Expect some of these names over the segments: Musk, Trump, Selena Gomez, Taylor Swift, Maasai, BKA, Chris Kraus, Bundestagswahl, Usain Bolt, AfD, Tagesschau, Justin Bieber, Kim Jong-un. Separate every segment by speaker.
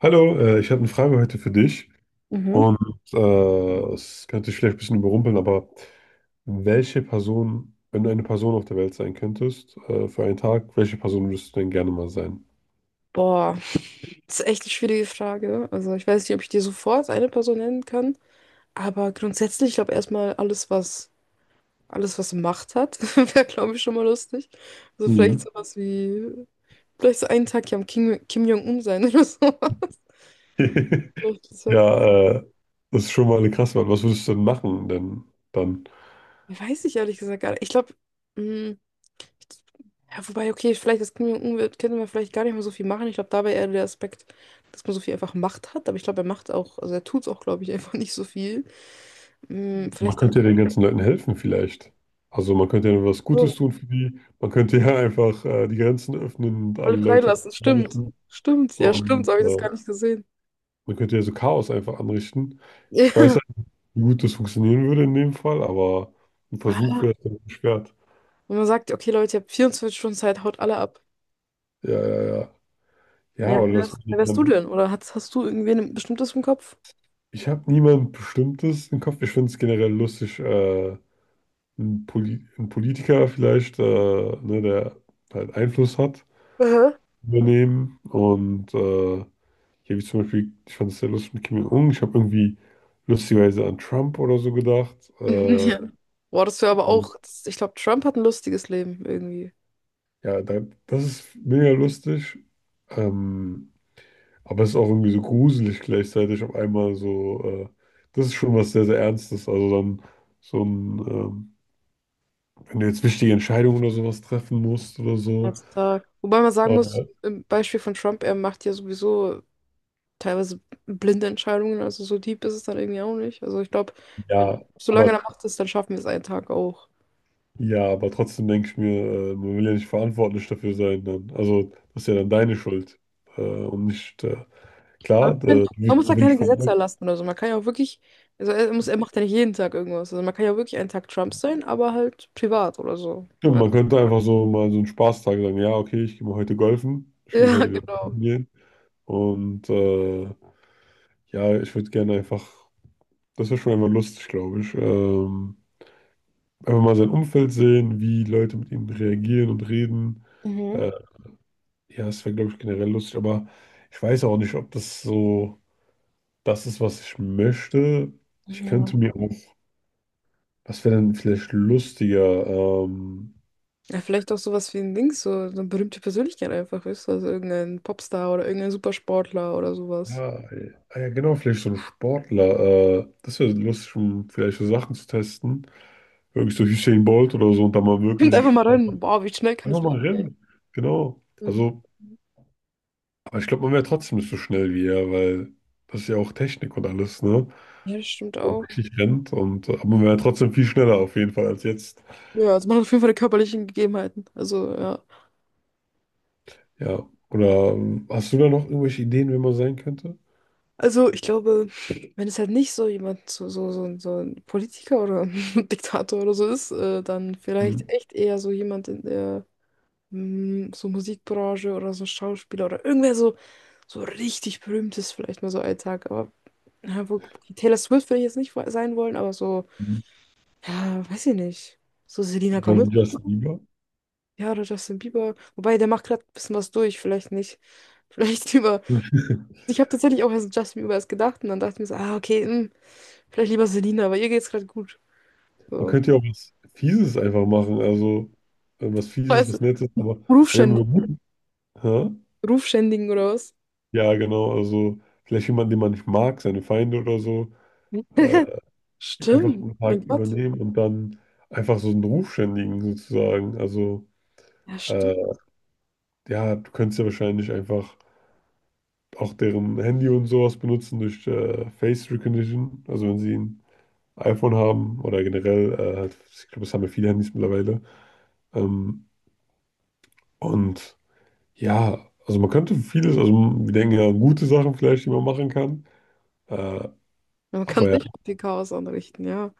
Speaker 1: Hallo, ich habe eine Frage heute für dich
Speaker 2: Mhm.
Speaker 1: und es könnte dich vielleicht ein bisschen überrumpeln, aber welche Person, wenn du eine Person auf der Welt sein könntest, für einen Tag, welche Person würdest du denn gerne mal sein?
Speaker 2: Boah, das ist echt eine schwierige Frage. Also ich weiß nicht, ob ich dir sofort eine Person nennen kann, aber grundsätzlich, ich glaube erstmal alles, was alles was Macht hat, wäre, glaube ich, schon mal lustig. Also vielleicht
Speaker 1: Mhm.
Speaker 2: sowas wie, vielleicht so einen Tag ja am Kim Jong-un sein oder so. Vielleicht, das wär-
Speaker 1: Ja, das ist schon mal eine krasse Wahl. Was würdest du denn machen denn dann?
Speaker 2: Weiß ich ehrlich gesagt gar nicht. Ich glaube, ja, wobei, okay, vielleicht, das können wir, könnte man vielleicht gar nicht mehr so viel machen. Ich glaube, dabei eher der Aspekt, dass man so viel einfach Macht hat. Aber ich glaube, er macht auch, also er tut es auch, glaube ich, einfach nicht so viel. Hm,
Speaker 1: Man
Speaker 2: vielleicht dann
Speaker 1: könnte ja den ganzen Leuten helfen vielleicht. Also man könnte ja was Gutes
Speaker 2: so,
Speaker 1: tun für die, man könnte ja einfach die Grenzen öffnen und
Speaker 2: alle
Speaker 1: alle Leute
Speaker 2: freilassen. Stimmt.
Speaker 1: lassen
Speaker 2: Stimmt. Ja, stimmt. So
Speaker 1: und
Speaker 2: habe ich das
Speaker 1: äh,
Speaker 2: gar nicht gesehen.
Speaker 1: Man könnte ja so Chaos einfach anrichten. Ich weiß, Mhm, halt nicht, wie gut das funktionieren würde in dem Fall, aber ein Versuch
Speaker 2: Ja.
Speaker 1: wäre es dann nicht wert.
Speaker 2: Wenn man sagt, okay, Leute, ihr habt 24 Stunden Zeit, haut alle ab.
Speaker 1: Ja, ja, ja. Ja,
Speaker 2: Naja, wer
Speaker 1: oder das.
Speaker 2: wärst, wer wärst du denn? Oder hast du irgendwen ein bestimmtes im Kopf?
Speaker 1: Ich habe niemand Bestimmtes im Kopf. Ich finde es generell lustig, ein Politiker vielleicht, ne, der halt Einfluss hat,
Speaker 2: Aha.
Speaker 1: übernehmen. Und ja, wie zum Beispiel, ich fand es sehr lustig mit Kim Jong-un. Ich habe irgendwie lustigerweise an Trump oder so gedacht.
Speaker 2: Ja. Boah, das wäre aber auch, das, ich glaube, Trump hat ein lustiges Leben irgendwie.
Speaker 1: Ja, da, das ist mega lustig. Ähm, aber es ist auch irgendwie so gruselig gleichzeitig auf einmal so. Das ist schon was sehr, sehr Ernstes. Also so ein, ähm, wenn du jetzt wichtige Entscheidungen oder sowas treffen musst oder so.
Speaker 2: Als Tag. Wobei man sagen muss,
Speaker 1: Äh,
Speaker 2: im Beispiel von Trump, er macht ja sowieso teilweise blinde Entscheidungen, also so deep ist es dann irgendwie auch nicht. Also ich glaube, wenn
Speaker 1: ja,
Speaker 2: solange er
Speaker 1: aber
Speaker 2: macht ist, dann schaffen wir es einen Tag auch.
Speaker 1: ja, aber trotzdem denke ich mir, man will ja nicht verantwortlich dafür sein dann. Also das ist ja dann deine Schuld. Und nicht,
Speaker 2: Aber
Speaker 1: klar,
Speaker 2: ich
Speaker 1: da,
Speaker 2: find,
Speaker 1: du
Speaker 2: man
Speaker 1: wirst
Speaker 2: muss ja
Speaker 1: auf jeden
Speaker 2: keine Gesetze
Speaker 1: Fall.
Speaker 2: erlassen oder so. Man kann ja auch wirklich, also er muss, er macht ja nicht jeden Tag irgendwas. Also man kann ja wirklich einen Tag Trump sein, aber halt privat oder so.
Speaker 1: Ja,
Speaker 2: Ja.
Speaker 1: man könnte einfach so mal so einen Spaßtag sagen, ja, okay, ich gehe mal heute golfen, ich will
Speaker 2: Ja,
Speaker 1: heute wieder
Speaker 2: genau.
Speaker 1: golfen gehen. Und ja, ich würde gerne einfach, das wäre schon einfach lustig, glaube ich. Einfach mal sein Umfeld sehen, wie Leute mit ihm reagieren und reden.
Speaker 2: Mhm.
Speaker 1: Äh, ja, es wäre, glaube ich, generell lustig, aber ich weiß auch nicht, ob das so das ist, was ich möchte. Ich
Speaker 2: Ja.
Speaker 1: könnte mir auch, was wäre denn vielleicht lustiger?
Speaker 2: Ja, vielleicht auch sowas wie ein Ding, so eine berühmte Persönlichkeit einfach, weißt du, also irgendein Popstar oder irgendein Supersportler oder sowas.
Speaker 1: Ja, ah ja, genau, vielleicht so ein Sportler. Das wäre lustig, um vielleicht so Sachen zu testen. Wirklich so Usain Bolt oder so und dann mal
Speaker 2: Kommt einfach
Speaker 1: wirklich
Speaker 2: mal rein. Boah, wie schnell kann
Speaker 1: einfach
Speaker 2: ich
Speaker 1: mal
Speaker 2: rappen?
Speaker 1: rennen. Genau. Also, aber ich glaube, man wäre trotzdem nicht so schnell wie er, weil das ist ja auch Technik und alles, ne?
Speaker 2: Ja, das stimmt
Speaker 1: Man
Speaker 2: auch.
Speaker 1: richtig rennt aber man wäre trotzdem viel schneller auf jeden Fall als jetzt.
Speaker 2: Ja, also man hat auf jeden Fall die körperlichen Gegebenheiten. Also, ja.
Speaker 1: Ja. Oder hast du da noch irgendwelche Ideen, wer man sein könnte?
Speaker 2: Also, ich glaube, wenn es halt nicht so jemand, so ein Politiker oder ein Diktator oder so ist, dann vielleicht
Speaker 1: Mhm.
Speaker 2: echt eher so jemand in der so Musikbranche oder so Schauspieler oder irgendwer so, so richtig berühmtes, vielleicht mal so Alltag. Aber ja, wo, Taylor Swift will ich jetzt nicht sein wollen, aber so, ja, weiß ich nicht. So Selena
Speaker 1: Ja,
Speaker 2: Gomez.
Speaker 1: wie Justin Bieber.
Speaker 2: Ja, oder Justin Bieber. Wobei, der macht gerade ein bisschen was durch, vielleicht nicht. Vielleicht lieber. Ich habe tatsächlich auch erst an Justin Bieber erst gedacht und dann dachte ich mir so, ah, okay, hm, vielleicht lieber Selina, aber ihr geht's gerade gut.
Speaker 1: Man
Speaker 2: So.
Speaker 1: könnte ja auch was Fieses einfach machen, also was Fieses,
Speaker 2: Weißt du,
Speaker 1: was Nettes, aber wir haben
Speaker 2: Rufschänd
Speaker 1: über gut. Hä?
Speaker 2: Rufschändigen oder was?
Speaker 1: Ja, genau, also vielleicht jemanden, den man nicht mag, seine Feinde oder so, äh, einfach
Speaker 2: Stimmt,
Speaker 1: einen Tag
Speaker 2: mein Gott.
Speaker 1: übernehmen und dann einfach so einen Ruf schändigen sozusagen. Also
Speaker 2: Ja,
Speaker 1: äh,
Speaker 2: stimmt.
Speaker 1: ja, du könntest ja wahrscheinlich einfach auch deren Handy und sowas benutzen durch Face Recognition, also wenn sie ein iPhone haben oder generell, ich glaube, das haben ja viele Handys mittlerweile. Ähm, und Ja, also man könnte vieles, also wir denken ja an gute Sachen vielleicht, die man machen kann. Äh,
Speaker 2: Man kann
Speaker 1: aber ja,
Speaker 2: sich auch viel Chaos anrichten, ja.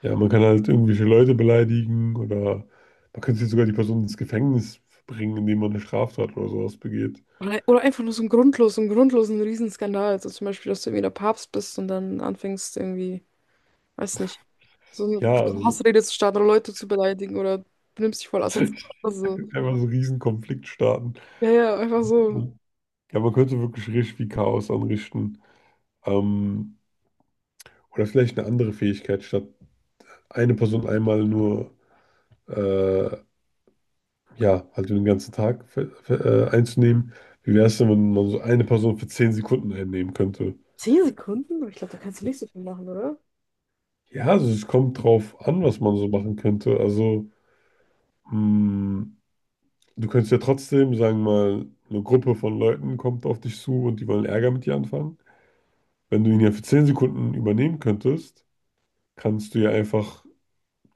Speaker 1: ja, man kann halt irgendwelche Leute beleidigen oder man könnte jetzt sogar die Person ins Gefängnis bringen, indem man eine Straftat oder sowas begeht.
Speaker 2: Oder einfach nur so ein grundlos, so einen grundlosen Riesenskandal. Also zum Beispiel, dass du irgendwie der Papst bist und dann anfängst irgendwie. Weiß nicht. So eine
Speaker 1: Ja,
Speaker 2: kurze
Speaker 1: also
Speaker 2: Hassrede zu starten oder Leute zu beleidigen oder benimmst dich voll
Speaker 1: ich
Speaker 2: asozial. Also,
Speaker 1: würde einfach so einen riesen Konflikt starten.
Speaker 2: ja, ja, einfach so.
Speaker 1: Ja, man könnte wirklich richtig viel Chaos anrichten. Ähm, oder vielleicht eine andere Fähigkeit, statt eine Person einmal nur äh, ja, halt den ganzen Tag einzunehmen. Wie wäre es denn, wenn man so eine Person für 10 Sekunden einnehmen könnte?
Speaker 2: 10 Sekunden? Aber ich glaube, da kannst du nicht so viel machen, oder?
Speaker 1: Ja, also es kommt drauf an, was man so machen könnte. Also, mh, du könntest ja trotzdem, sagen wir mal, eine Gruppe von Leuten kommt auf dich zu und die wollen Ärger mit dir anfangen. Wenn du ihn ja für 10 Sekunden übernehmen könntest, kannst du ja einfach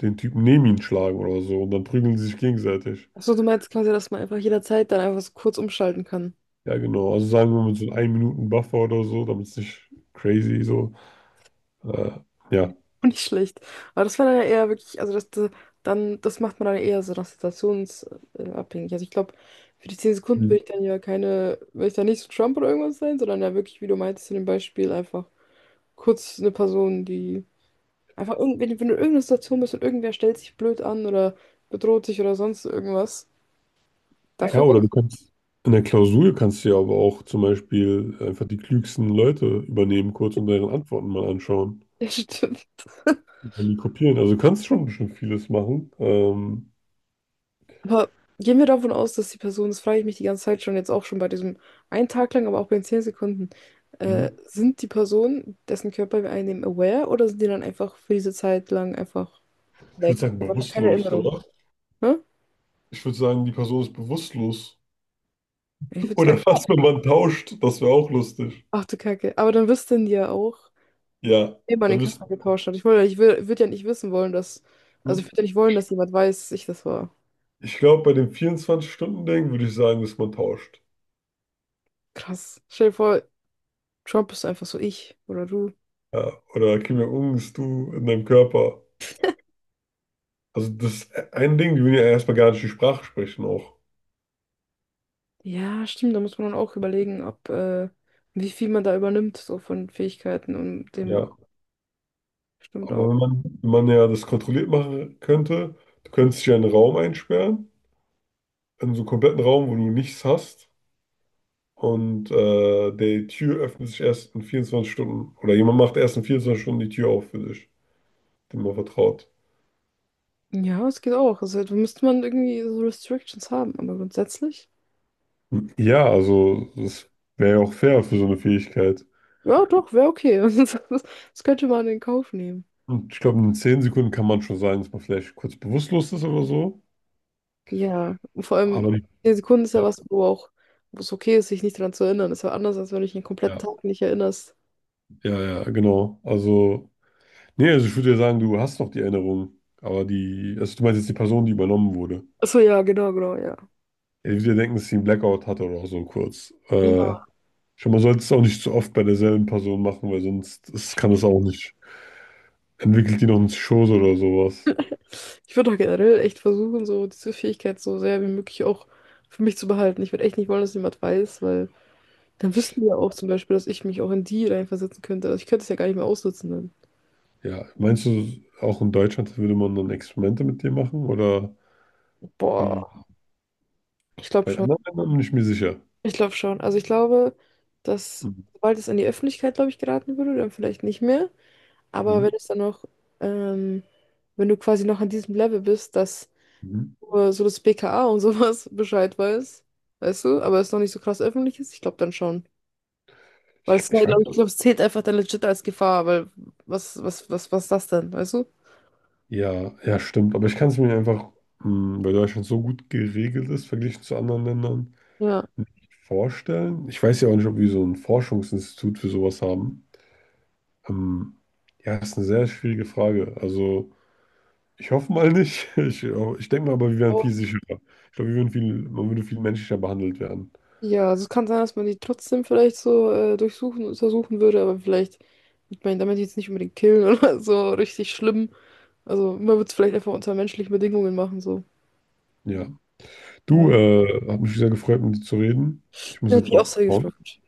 Speaker 1: den Typen neben ihn schlagen oder so und dann prügeln sie sich gegenseitig.
Speaker 2: Achso, du meinst quasi, dass man einfach jederzeit dann einfach so kurz umschalten kann.
Speaker 1: Ja, genau. Also sagen wir mit so einem 1-Minuten-Buffer oder so, damit es nicht crazy so. Äh, ja.
Speaker 2: Auch nicht schlecht. Aber das wäre dann ja eher wirklich, dann, das macht man dann eher so nach situationsabhängig. Also ich glaube, für die 10 Sekunden will ich dann nicht so Trump oder irgendwas sein, sondern ja wirklich, wie du meintest in dem Beispiel, einfach kurz eine Person, die. Einfach irgend, wenn, du- Wenn du in irgendeiner Situation bist und irgendwer stellt sich blöd an oder bedroht dich oder sonst irgendwas.
Speaker 1: Ja,
Speaker 2: Dafür
Speaker 1: oder
Speaker 2: war's.
Speaker 1: du kannst in der Klausur kannst du ja aber auch zum Beispiel einfach die klügsten Leute übernehmen kurz und deren Antworten mal anschauen
Speaker 2: Ja, stimmt.
Speaker 1: und dann die kopieren. Also du kannst schon vieles machen.
Speaker 2: Aber gehen wir davon aus, dass die Person, das frage ich mich die ganze Zeit schon, jetzt auch schon bei diesem einen Tag lang, aber auch bei den 10 Sekunden,
Speaker 1: Hm.
Speaker 2: sind die Personen, dessen Körper wir einnehmen, aware oder sind die dann einfach für diese Zeit lang einfach
Speaker 1: Ich
Speaker 2: weg?
Speaker 1: würde sagen
Speaker 2: Aber einfach keine
Speaker 1: bewusstlos,
Speaker 2: Erinnerung.
Speaker 1: oder?
Speaker 2: Ne?
Speaker 1: Ich würde sagen, die Person ist bewusstlos.
Speaker 2: Ich würde
Speaker 1: Oder
Speaker 2: sagen, ja.
Speaker 1: fast, wenn man tauscht, das wäre auch lustig.
Speaker 2: Ach du Kacke. Aber dann wüssten die ja auch,
Speaker 1: Ja,
Speaker 2: wem man
Speaker 1: dann
Speaker 2: den
Speaker 1: müsste.
Speaker 2: Körper getauscht hat. Ich wollte, ich will, würde würd ja nicht wissen wollen, dass, also ich
Speaker 1: hm.
Speaker 2: würde ja nicht wollen, dass jemand weiß, dass ich das war.
Speaker 1: Ich glaube, bei dem 24-Stunden-Ding würde ich sagen, dass man tauscht.
Speaker 2: Krass. Stell dir vor, Trump ist einfach so ich oder du.
Speaker 1: Ja, oder Kim Jong-un ist du in deinem Körper. Also das ist ein Ding, die will ja erstmal gar nicht die Sprache sprechen auch.
Speaker 2: Ja, stimmt, da muss man dann auch überlegen, ob, wie viel man da übernimmt, so von Fähigkeiten und dem
Speaker 1: Ja,
Speaker 2: stimmt
Speaker 1: aber
Speaker 2: auch.
Speaker 1: wenn man ja das kontrolliert machen könnte, du könntest dich ja in einen Raum einsperren, in so einen kompletten Raum, wo du nichts hast. Und die Tür öffnet sich erst in 24 Stunden. Oder jemand macht erst in 24 Stunden die Tür auf für dich, dem man vertraut.
Speaker 2: Ja, es geht auch. Also da müsste man irgendwie so Restrictions haben, aber grundsätzlich,
Speaker 1: Ja, also das wäre ja auch fair für so eine Fähigkeit.
Speaker 2: ja, doch, wäre okay. Das, das könnte man in Kauf nehmen.
Speaker 1: Und ich glaube, in 10 Sekunden kann man schon sagen, dass man vielleicht kurz bewusstlos ist oder so.
Speaker 2: Ja, und vor allem,
Speaker 1: Aber nicht.
Speaker 2: 10 Sekunden ist ja
Speaker 1: Ja,
Speaker 2: was, wo auch, wo es okay ist, sich nicht daran zu erinnern. Ist ja anders, als wenn du dich den kompletten
Speaker 1: ja,
Speaker 2: Tag nicht erinnerst.
Speaker 1: ja, ja, genau. Also. Nee, also ich würde ja sagen, du hast noch die Erinnerung, aber die, also du meinst jetzt die Person, die übernommen wurde.
Speaker 2: Achso, ja, genau, genau, ja.
Speaker 1: Ja, ich würde ja denken, dass sie einen Blackout hatte oder so kurz. Schon mal sollte es auch nicht zu oft bei derselben Person machen, weil sonst ist, kann das auch nicht. Entwickelt die noch einen Schoß oder sowas.
Speaker 2: Ich würde auch generell echt versuchen, so diese Fähigkeit so sehr wie möglich auch für mich zu behalten. Ich würde echt nicht wollen, dass jemand weiß, weil dann wüssten die ja auch zum Beispiel, dass ich mich auch in die reinversetzen könnte. Also ich könnte es ja gar nicht mehr aussitzen dann.
Speaker 1: Ja, meinst du, auch in Deutschland würde man dann Experimente mit dir machen oder
Speaker 2: Boah,
Speaker 1: wie?
Speaker 2: ich glaube
Speaker 1: Bei
Speaker 2: schon.
Speaker 1: anderen Ländern bin ich mir sicher.
Speaker 2: Ich glaube schon. Also ich glaube, dass
Speaker 1: Mhm.
Speaker 2: sobald es an die Öffentlichkeit, glaube ich, geraten würde, dann vielleicht nicht mehr. Aber wenn
Speaker 1: Mhm.
Speaker 2: es dann noch, ähm, wenn du quasi noch an diesem Level bist, dass
Speaker 1: Mhm.
Speaker 2: nur so das BKA und sowas Bescheid weiß, weißt du, aber es noch nicht so krass öffentlich ist, ich glaube dann schon. Weil
Speaker 1: Ich,
Speaker 2: es, glaub
Speaker 1: ich
Speaker 2: ich
Speaker 1: weiß.
Speaker 2: glaube, es zählt einfach dann legit als Gefahr, weil was ist das denn, weißt du?
Speaker 1: Ja, ja, stimmt, aber ich kann es mir einfach, weil Deutschland so gut geregelt ist, verglichen zu anderen Ländern,
Speaker 2: Ja.
Speaker 1: vorstellen. Ich weiß ja auch nicht, ob wir so ein Forschungsinstitut für sowas haben. Ähm, ja, ist eine sehr schwierige Frage. Also, ich hoffe mal nicht. Ich denke mal, aber wir wären
Speaker 2: Oh.
Speaker 1: viel sicherer. Ich glaube, wir würden viel, man würde viel menschlicher behandelt werden.
Speaker 2: Ja, also es kann sein, dass man die trotzdem vielleicht so durchsuchen, untersuchen würde, aber vielleicht, ich meine, damit jetzt nicht unbedingt killen oder so richtig schlimm. Also man würde es vielleicht einfach unter menschlichen Bedingungen machen, so.
Speaker 1: Ja. Du,
Speaker 2: Ja.
Speaker 1: hat mich sehr gefreut, mit dir zu reden. Ich muss
Speaker 2: Ja, hat
Speaker 1: jetzt
Speaker 2: mich auch
Speaker 1: auch
Speaker 2: sehr
Speaker 1: abhauen.
Speaker 2: gefreut.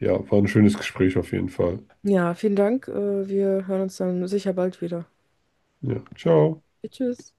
Speaker 1: Ja, war ein schönes Gespräch auf jeden Fall.
Speaker 2: Ja, vielen Dank. Wir hören uns dann sicher bald wieder.
Speaker 1: Ja, ciao.
Speaker 2: Tschüss.